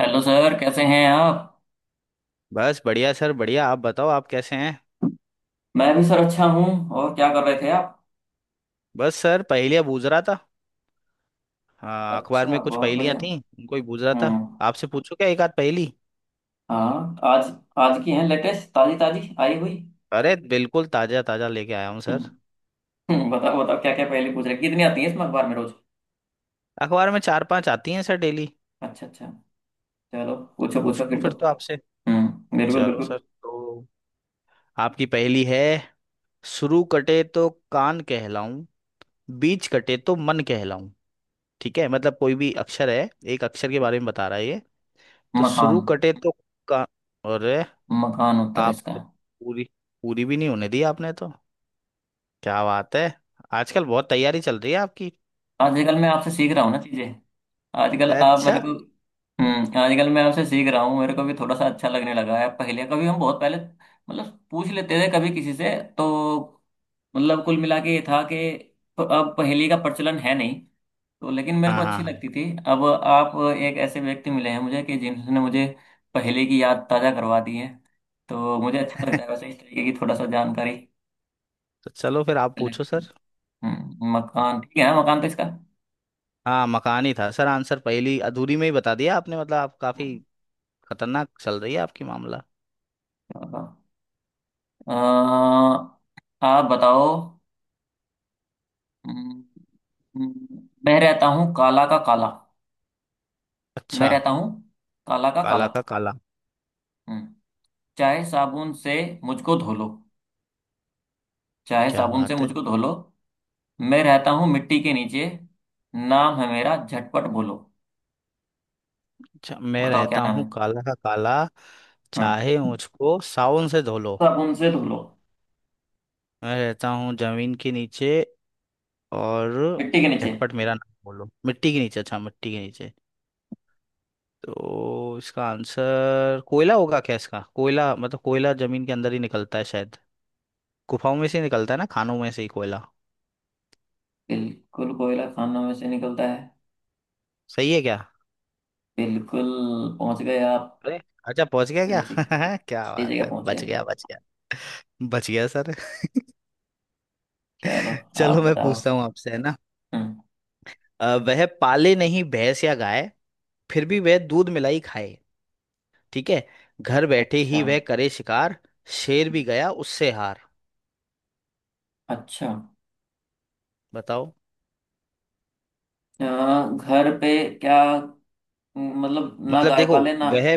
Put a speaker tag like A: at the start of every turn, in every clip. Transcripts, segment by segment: A: Hello sir कैसे हैं आप।
B: बस बढ़िया सर, बढ़िया। आप बताओ, आप कैसे हैं।
A: मैं भी सर अच्छा हूँ। और क्या कर रहे थे आप।
B: बस सर पहेलियां बूझ रहा था। हाँ, अखबार
A: अच्छा
B: में कुछ
A: बहुत
B: पहेलियां
A: बढ़िया।
B: थी। उनको ही बूझ रहा था।
A: हम्म।
B: आपसे पूछो क्या एक आध पहेली।
A: हाँ आज, आज की है लेटेस्ट ताजी ताजी आई हुई।
B: अरे बिल्कुल ताजा ताजा लेके आया हूँ
A: हम्म।
B: सर।
A: बताओ बताओ क्या क्या पहले पूछ रहे कितनी आती है इसमें अखबार में रोज।
B: अखबार में चार पांच आती हैं सर, डेली।
A: अच्छा अच्छा। चलो पूछो
B: पूछ
A: पूछो
B: लूँ
A: फिर तो।
B: फिर तो आपसे।
A: हम्म, बिल्कुल
B: चलो
A: बिल्कुल।
B: सर तो। आपकी पहेली है। शुरू कटे तो कान कहलाऊं। बीच कटे तो मन कहलाऊं। ठीक है, मतलब कोई भी अक्षर है, एक अक्षर के बारे में बता रहा है ये। तो
A: मकान।
B: शुरू कटे तो। का। और।
A: मकान उत्तर है
B: आप
A: इसका।
B: तो पूरी। पूरी भी नहीं होने दी आपने तो। क्या बात है। आजकल बहुत तैयारी चल रही है आपकी।
A: आजकल मैं आपसे सीख रहा हूँ ना चीजें। आजकल आप मेरे
B: अच्छा।
A: को। हम्म, आजकल मैं आपसे सीख रहा हूँ, मेरे को भी थोड़ा सा अच्छा लगने लगा है। पहले कभी हम बहुत पहले मतलब पूछ लेते थे कभी किसी से। तो मतलब कुल मिला के ये था कि अब पहेली का प्रचलन है नहीं। तो लेकिन मेरे को
B: हाँ, हाँ,
A: अच्छी
B: हाँ।
A: लगती थी। अब आप एक ऐसे व्यक्ति मिले हैं मुझे कि जिन्होंने मुझे पहेली की याद ताजा करवा दी है। तो मुझे अच्छा लगता है वैसे इस तरीके की थोड़ा सा जानकारी
B: तो चलो फिर आप
A: कलेक्ट
B: पूछो सर।
A: करना। हम्म, मकान ठीक है, मकान तो इसका।
B: हाँ, मकान ही था सर आंसर, पहली अधूरी में ही बता दिया आपने, मतलब आप काफी
A: हम्म,
B: खतरनाक चल रही है आपकी मामला।
A: चलो। अ, आप बताओ। हम्म। मैं रहता हूँ काला का काला। मैं
B: अच्छा।
A: रहता हूँ काला का काला।
B: काला का काला।
A: हम्म, चाहे साबुन से मुझको धो लो। चाहे
B: क्या
A: साबुन से
B: बात है।
A: मुझको धो लो। मैं रहता हूँ मिट्टी के नीचे, नाम है मेरा झटपट बोलो।
B: अच्छा, मैं
A: बताओ क्या
B: रहता
A: नाम
B: हूँ
A: है।
B: काला का काला।
A: हम्म,
B: चाहे मुझको सावन से धो लो।
A: साबुन से धो लो।
B: मैं रहता हूँ जमीन के नीचे। और।
A: मिट्टी के नीचे।
B: झटपट मेरा नाम बोलो, मिट्टी के नीचे। अच्छा, मिट्टी के नीचे। तो इसका आंसर कोयला होगा क्या इसका? कोयला मतलब कोयला जमीन के अंदर ही निकलता है शायद। गुफाओं में से ही निकलता है ना, खानों में से ही कोयला।
A: बिल्कुल कोयला खानों में से निकलता है।
B: सही है क्या?
A: बिल्कुल। पहुंच गए आप।
B: अरे। अच्छा पहुंच गया
A: सही जगह,
B: क्या? क्या
A: सही
B: बात
A: जगह
B: है,
A: पहुंचे।
B: बच गया बच गया। बच गया सर।
A: चलो। आप
B: चलो मैं
A: बताओ।
B: पूछता हूँ आपसे है ना।
A: हम्म,
B: वह पाले नहीं भैंस या गाय। फिर भी वह दूध मिलाई खाए। ठीक है। घर बैठे
A: अच्छा।
B: ही वह करे शिकार। शेर भी
A: हम्म।
B: गया उससे हार,
A: अच्छा।
B: बताओ।
A: अ, घर पे, क्या मतलब, ना
B: मतलब
A: गाय
B: देखो।
A: पाले ना।
B: वह।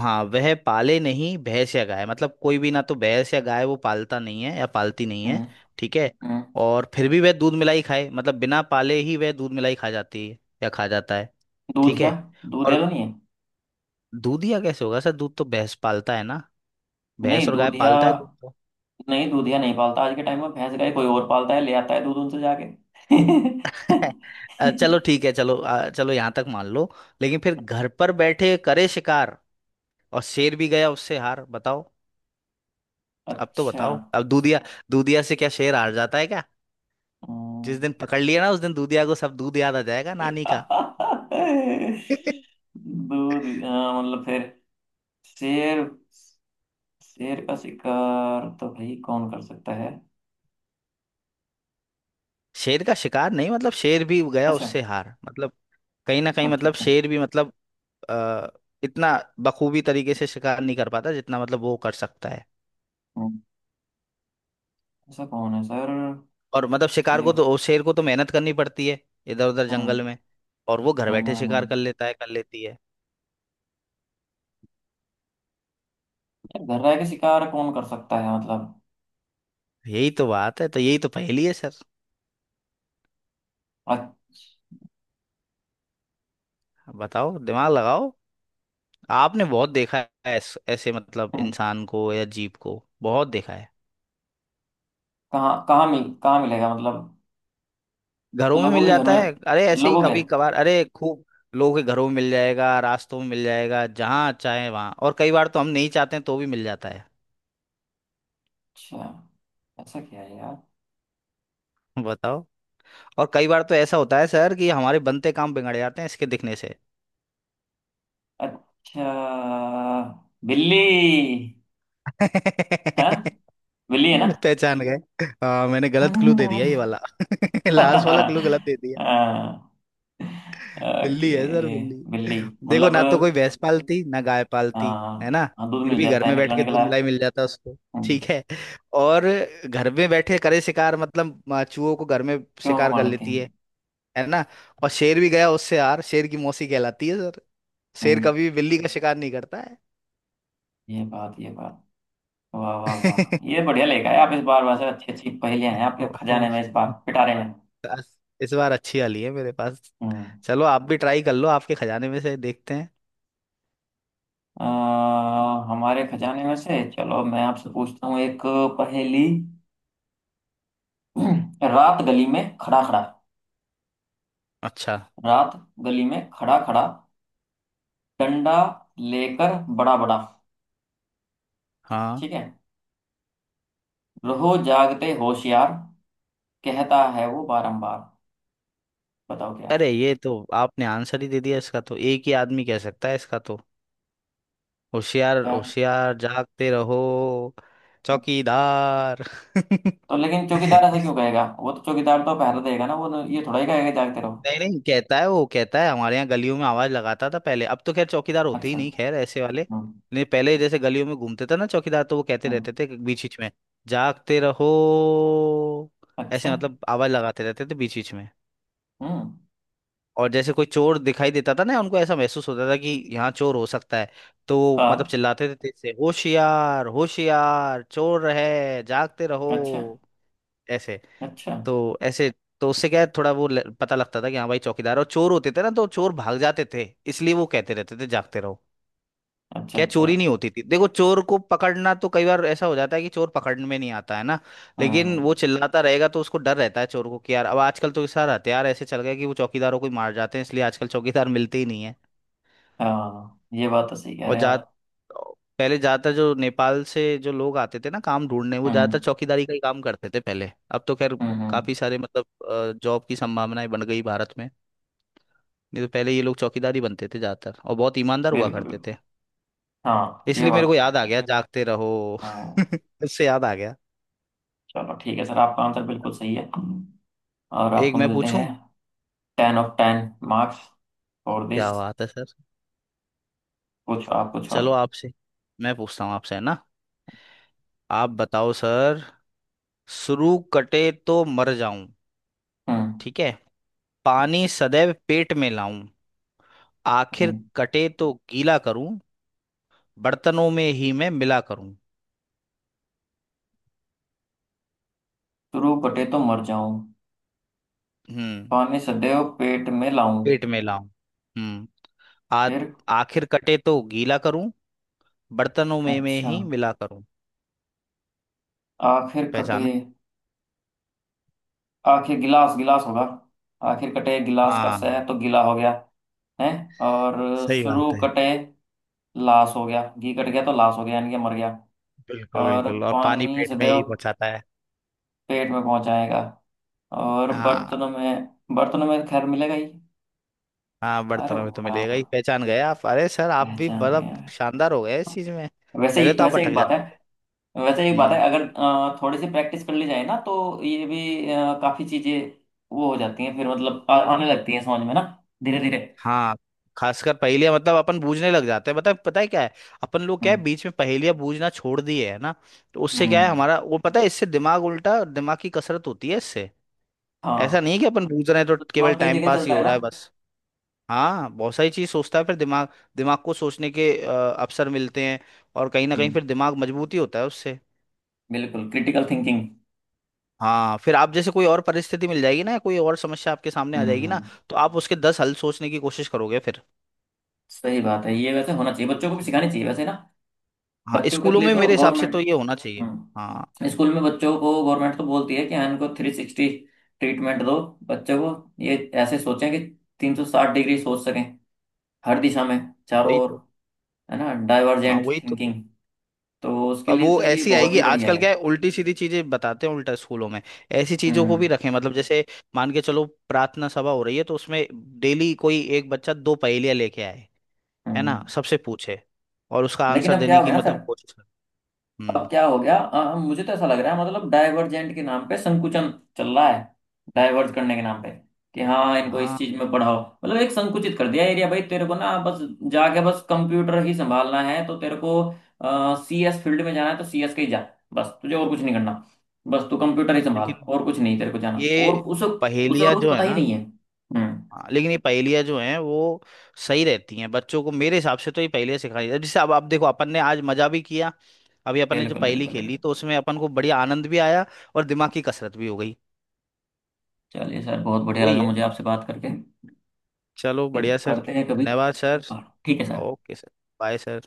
B: हाँ वह पाले नहीं भैंस या गाय, मतलब कोई भी ना तो भैंस या गाय वो पालता नहीं है या पालती नहीं है।
A: हम्म।
B: ठीक है।
A: हम्म,
B: और फिर भी वह दूध मिलाई खाए, मतलब बिना पाले ही वह दूध मिलाई खा जाती है या खा जाता है। ठीक
A: दूधिया।
B: है।
A: दूधिया
B: और।
A: तो नहीं है।
B: दूध या कैसे होगा सर, दूध तो भैंस पालता है ना। भैंस
A: नहीं
B: और गाय
A: दूधिया।
B: पालता है दूध तो।
A: नहीं दूधिया नहीं पालता, आज के टाइम में भैंस गाय कोई और पालता है, ले आता है दूध उनसे जाके।
B: चलो ठीक है, चलो चलो यहाँ तक मान लो। लेकिन फिर घर पर बैठे करे शिकार। और शेर भी गया उससे हार, बताओ। अब तो
A: अच्छा।
B: बताओ अब, दूधिया। दूधिया से क्या शेर हार जाता है क्या? जिस दिन
A: हम्म,
B: पकड़ लिया ना उस दिन दूधिया को सब दूध याद आ जाएगा नानी का।
A: दूध। हाँ, मतलब फिर शेर, शेर का शिकार तो भाई कौन कर सकता है।
B: शेर का शिकार नहीं, मतलब शेर भी गया
A: अच्छा
B: उससे हार मतलब। कहीं ना कहीं
A: अच्छा।
B: मतलब
A: अच्छा।
B: शेर भी मतलब। आ, इतना बखूबी तरीके से शिकार नहीं कर पाता जितना मतलब वो कर सकता है।
A: हम्म, ऐसा कौन है सर।
B: और मतलब शिकार को
A: शेर।
B: तो शेर को तो मेहनत करनी पड़ती है। इधर उधर
A: हम्म।
B: जंगल में। और वो घर बैठे शिकार कर
A: हम्म,
B: लेता है, कर लेती है।
A: यार घर रह के शिकार कौन कर सकता है मतलब।
B: यही तो बात है, तो यही तो पहेली है सर।
A: अच्छा।
B: बताओ, दिमाग लगाओ। आपने बहुत देखा है। ऐसे मतलब इंसान को या जीव को बहुत देखा है।
A: कहाँ कहाँ मिल, कहाँ मिलेगा मतलब।
B: घरों में
A: लोगों
B: मिल
A: के घर
B: जाता
A: में,
B: है, अरे ऐसे ही
A: लोगों के।
B: कभी कभार, अरे खूब लोगों के घरों में मिल जाएगा, रास्तों में मिल जाएगा जहाँ चाहे वहाँ, और कई बार तो हम नहीं चाहते हैं तो भी मिल जाता है।
A: अच्छा। ऐसा क्या है यार।
B: बताओ। और कई बार तो ऐसा होता है सर कि हमारे बनते काम बिगड़ जाते हैं इसके दिखने से।
A: अच्छा, बिल्ली है। बिल्ली है ना।
B: पहचान गए। हाँ मैंने गलत क्लू दे दिया ये वाला, लास्ट वाला क्लू गलत दे दिया।
A: हाँ।
B: बिल्ली
A: ओके।
B: है सर, बिल्ली।
A: बिल्ली,
B: देखो,
A: मतलब।
B: ना तो कोई भैंस पालती ना गाय पालती। है
A: हाँ
B: ना।
A: हाँ, दूध
B: फिर
A: मिल
B: भी घर
A: जाता है,
B: में बैठ
A: निकला
B: के दूध
A: निकला
B: मलाई
A: है।
B: मिल जाता उसको।
A: हम्म,
B: ठीक है। और। घर में बैठे करे शिकार मतलब चूहों को घर में
A: क्यों को
B: शिकार कर
A: मार लेते
B: लेती है।
A: हैं।
B: है ना। और शेर भी गया उससे, यार शेर की मौसी कहलाती है सर। शेर
A: हम्म,
B: कभी भी बिल्ली का शिकार नहीं करता है।
A: ये बात, ये बात, वाह वाह वाह, ये बढ़िया लेकर आए आप इस बार। वैसे अच्छी अच्छी पहेलियां हैं आपके
B: ओहो।
A: खजाने में इस बार, पिटारे में।
B: बस, इस बार अच्छी वाली है मेरे पास।
A: हम्म।
B: चलो आप भी ट्राई कर लो, आपके खजाने में से देखते हैं।
A: अ, हमारे खजाने में से चलो मैं आपसे पूछता हूँ एक पहेली। रात गली में खड़ा खड़ा।
B: अच्छा।
A: रात गली में खड़ा खड़ा, डंडा लेकर बड़ा बड़ा,
B: हाँ।
A: ठीक है, रहो जागते होशियार, कहता है वो बारंबार। बताओ क्या।
B: अरे ये तो आपने आंसर ही दे दिया इसका, तो एक ही आदमी कह सकता है इसका तो। होशियार
A: क्या,
B: होशियार, जागते रहो। चौकीदार।
A: तो लेकिन चौकीदार ऐसा क्यों कहेगा, वो तो चौकीदार तो पहरा देगा ना, वो तो ये थोड़ा ही कहेगा जागते रहो।
B: नहीं नहीं, कहता है वो, कहता है हमारे यहाँ गलियों में आवाज लगाता था पहले, अब तो खैर चौकीदार होते ही
A: अच्छा।
B: नहीं, खैर ऐसे वाले।
A: हम्म।
B: नहीं, पहले जैसे गलियों में घूमते थे ना चौकीदार, तो वो कहते
A: हम्म।
B: रहते थे बीच बीच में। जागते रहो।
A: अच्छा।
B: ऐसे मतलब आवाज लगाते रहते थे बीच बीच में।
A: हम्म।
B: और जैसे कोई चोर दिखाई देता था ना उनको, ऐसा महसूस होता था कि यहाँ चोर हो सकता है। तो वो मतलब
A: हाँ।
B: चिल्लाते थे तेज से, होशियार होशियार चोर है, जागते रहो।
A: अच्छा
B: ऐसे।
A: अच्छा।
B: तो ऐसे। तो उससे क्या है, थोड़ा वो पता लगता था कि हाँ भाई, चौकीदार और चोर होते थे ना तो चोर भाग जाते थे। इसलिए वो कहते रहते थे जागते रहो।
A: अच्छा
B: क्या
A: अच्छा।
B: चोरी नहीं होती थी, देखो चोर को पकड़ना तो कई बार ऐसा हो जाता है कि चोर पकड़ में नहीं आता है ना। लेकिन वो
A: हम्म।
B: चिल्लाता रहेगा तो उसको डर रहता है चोर को कि यार अब आजकल तो सार हथियार ऐसे चल गए कि वो चौकीदारों को ही मार जाते हैं, इसलिए आजकल चौकीदार मिलते ही नहीं है।
A: हाँ, ये बात तो सही कह
B: और
A: रहे हैं
B: जा।
A: आप।
B: पहले ज्यादातर जो नेपाल से जो लोग आते थे ना काम ढूंढने, वो
A: हम्म।
B: ज्यादातर चौकीदारी का ही काम करते थे पहले, अब तो खैर।
A: हम्म।
B: काफी सारे मतलब जॉब की संभावनाएं बन गई भारत में। नहीं तो पहले ये लोग चौकीदार ही बनते थे ज्यादातर, और बहुत ईमानदार हुआ
A: बिल्कुल
B: करते
A: बिल्कुल।
B: थे।
A: हाँ, ये
B: इसलिए मेरे
A: बात
B: को
A: तो
B: याद आ
A: है।
B: गया जागते रहो।
A: हम्म।
B: उससे याद आ गया।
A: चलो ठीक है सर, आपका आंसर बिल्कुल सही है। और
B: तो एक
A: आपको
B: मैं
A: मिलते हैं।
B: पूछूं।
A: 10 ऑफ 10 मार्क्स फॉर
B: क्या
A: दिस।
B: बात है सर।
A: पूछो आप, पूछो
B: चलो
A: आप।
B: आपसे। मैं पूछता हूँ आपसे है ना। आप बताओ सर। शुरू कटे तो मर जाऊं।
A: हम्म।
B: ठीक है। पानी सदैव पेट में लाऊं। आखिर
A: हम्म।
B: कटे तो गीला करूं। बर्तनों में ही मैं मिला करूं।
A: शुरू बटे तो मर जाऊं,
B: हम्म।
A: पानी सदैव पेट में लाऊं।
B: पेट में लाऊं। हम्म। आ
A: फिर।
B: आखिर कटे तो गीला करूं। बर्तनों में
A: अच्छा।
B: ही मिला करूं।
A: आखिर कटे,
B: पहचानो।
A: आखिर गिलास, गिलास होगा। आखिर कटे गिलास का,
B: हाँ।
A: सह तो गिला हो गया है। और
B: सही
A: शुरू
B: बात है।
A: कटे, लाश हो गया, घी कट गया तो लाश हो गया यानी कि मर गया।
B: बिल्कुल
A: और
B: बिल्कुल, और पानी
A: पानी
B: पेट में
A: सदैव
B: यही पहुंचाता है।
A: पेट में पहुंच जाएगा। और
B: हाँ।
A: बर्तनों में, बर्तनों में खैर मिलेगा ही।
B: हाँ,
A: अरे
B: बर्तनों में तो मिलेगा
A: वाह,
B: ही, पहचान गए आप, अरे सर आप भी
A: पहचान गया
B: मतलब
A: मैं।
B: शानदार हो गए इस चीज में।
A: वैसे ही
B: पहले तो आप
A: वैसे एक
B: अटक
A: बात है
B: जाते थे।
A: वैसे एक बात है,
B: हम्म।
A: अगर थोड़ी सी प्रैक्टिस कर ली जाए ना, तो ये भी काफी चीजें वो हो जाती हैं, फिर मतलब आने लगती हैं समझ में ना, धीरे धीरे।
B: हाँ। खासकर पहेलियां मतलब अपन बूझने लग जाते हैं, बता पता है क्या है। अपन लोग क्या है,
A: हम्म।
B: बीच में पहेलियां बूझना छोड़ दिए है ना। तो उससे क्या है,
A: हम्म।
B: हमारा वो पता है इससे दिमाग, उल्टा दिमाग की कसरत होती है इससे। ऐसा
A: हाँ।
B: नहीं है कि अपन बूझ रहे हैं तो
A: तो
B: केवल
A: दिमाग कई
B: टाइम
A: जगह
B: पास ही
A: चलता
B: हो
A: है ना।
B: रहा है बस। हाँ, बहुत सारी चीज सोचता है फिर दिमाग। दिमाग को सोचने के अवसर मिलते हैं। और कहीं ना कहीं
A: हम्म,
B: फिर दिमाग मजबूती होता है उससे।
A: बिल्कुल, क्रिटिकल थिंकिंग।
B: हाँ, फिर आप जैसे कोई और परिस्थिति मिल जाएगी ना, या कोई और समस्या आपके सामने आ जाएगी ना।
A: हम्म।
B: तो आप उसके 10 हल सोचने की कोशिश करोगे फिर।
A: सही बात है, ये वैसे होना
B: तो
A: चाहिए, बच्चों को भी
B: इसलिए।
A: सिखानी चाहिए वैसे ना।
B: हाँ,
A: बच्चों के
B: स्कूलों
A: लिए
B: में
A: तो
B: मेरे हिसाब से
A: गवर्नमेंट।
B: तो ये होना चाहिए। हाँ,
A: हम्म। स्कूल में बच्चों को गवर्नमेंट तो बोलती है कि हाँ इनको 360 ट्रीटमेंट दो, बच्चों को, ये ऐसे सोचें कि 360 डिग्री सोच सकें, हर दिशा में, चारों
B: वही
A: ओर,
B: तो।
A: है ना,
B: हाँ
A: डाइवर्जेंट
B: वही तो।
A: थिंकिंग। तो उसके
B: अब
A: लिए
B: वो
A: तो ये
B: ऐसी
A: बहुत
B: आएगी,
A: ही बढ़िया
B: आजकल
A: है।
B: क्या है उल्टी सीधी चीजें बताते हैं उल्टा स्कूलों में। ऐसी चीजों को
A: हम्म।
B: भी रखें, मतलब जैसे। मान के चलो प्रार्थना सभा हो रही है तो उसमें डेली कोई एक बच्चा दो पहेलियां लेके आए। है
A: हम्म।
B: ना, सबसे पूछे। और उसका
A: लेकिन
B: आंसर
A: अब क्या
B: देने
A: हो गया
B: की
A: ना सर,
B: मतलब कोशिश करे।
A: अब
B: हम्म।
A: क्या हो गया अ, मुझे तो ऐसा लग रहा है मतलब डाइवर्जेंट के नाम पे संकुचन चल रहा है, डाइवर्ज करने के नाम पे, कि हाँ इनको इस
B: हाँ,
A: चीज में पढ़ाओ, मतलब एक संकुचित कर दिया एरिया, भाई तेरे को ना बस जाके बस कंप्यूटर ही संभालना है तो। तेरे को CS फील्ड में जाना है तो CS के ही जा, बस तुझे और कुछ नहीं करना, बस तू कंप्यूटर ही संभाल,
B: लेकिन
A: और कुछ नहीं तेरे को जाना।
B: ये
A: और उसे उसे
B: पहेलियाँ
A: और कुछ
B: जो है
A: पता ही
B: ना।
A: नहीं है। हम्म।
B: हाँ, लेकिन ये पहेलियाँ जो हैं वो सही रहती हैं बच्चों को, मेरे हिसाब से तो ये पहेलियाँ सिखानी चाहिए, जैसे अब आप देखो अपन ने आज मजा भी किया। अभी अपन ने जो
A: बिल्कुल
B: पहेली
A: बिल्कुल
B: खेली
A: बिल्कुल।
B: तो उसमें अपन को बढ़िया आनंद भी आया। और दिमाग की कसरत भी हो गई।
A: चलिए सर, बहुत बढ़िया
B: वही
A: लगा
B: है।
A: मुझे आपसे बात करके।
B: चलो
A: फिर
B: बढ़िया सर।
A: करते हैं कभी।
B: धन्यवाद सर।
A: और ठीक है sir.
B: Okay sir. Bye sir.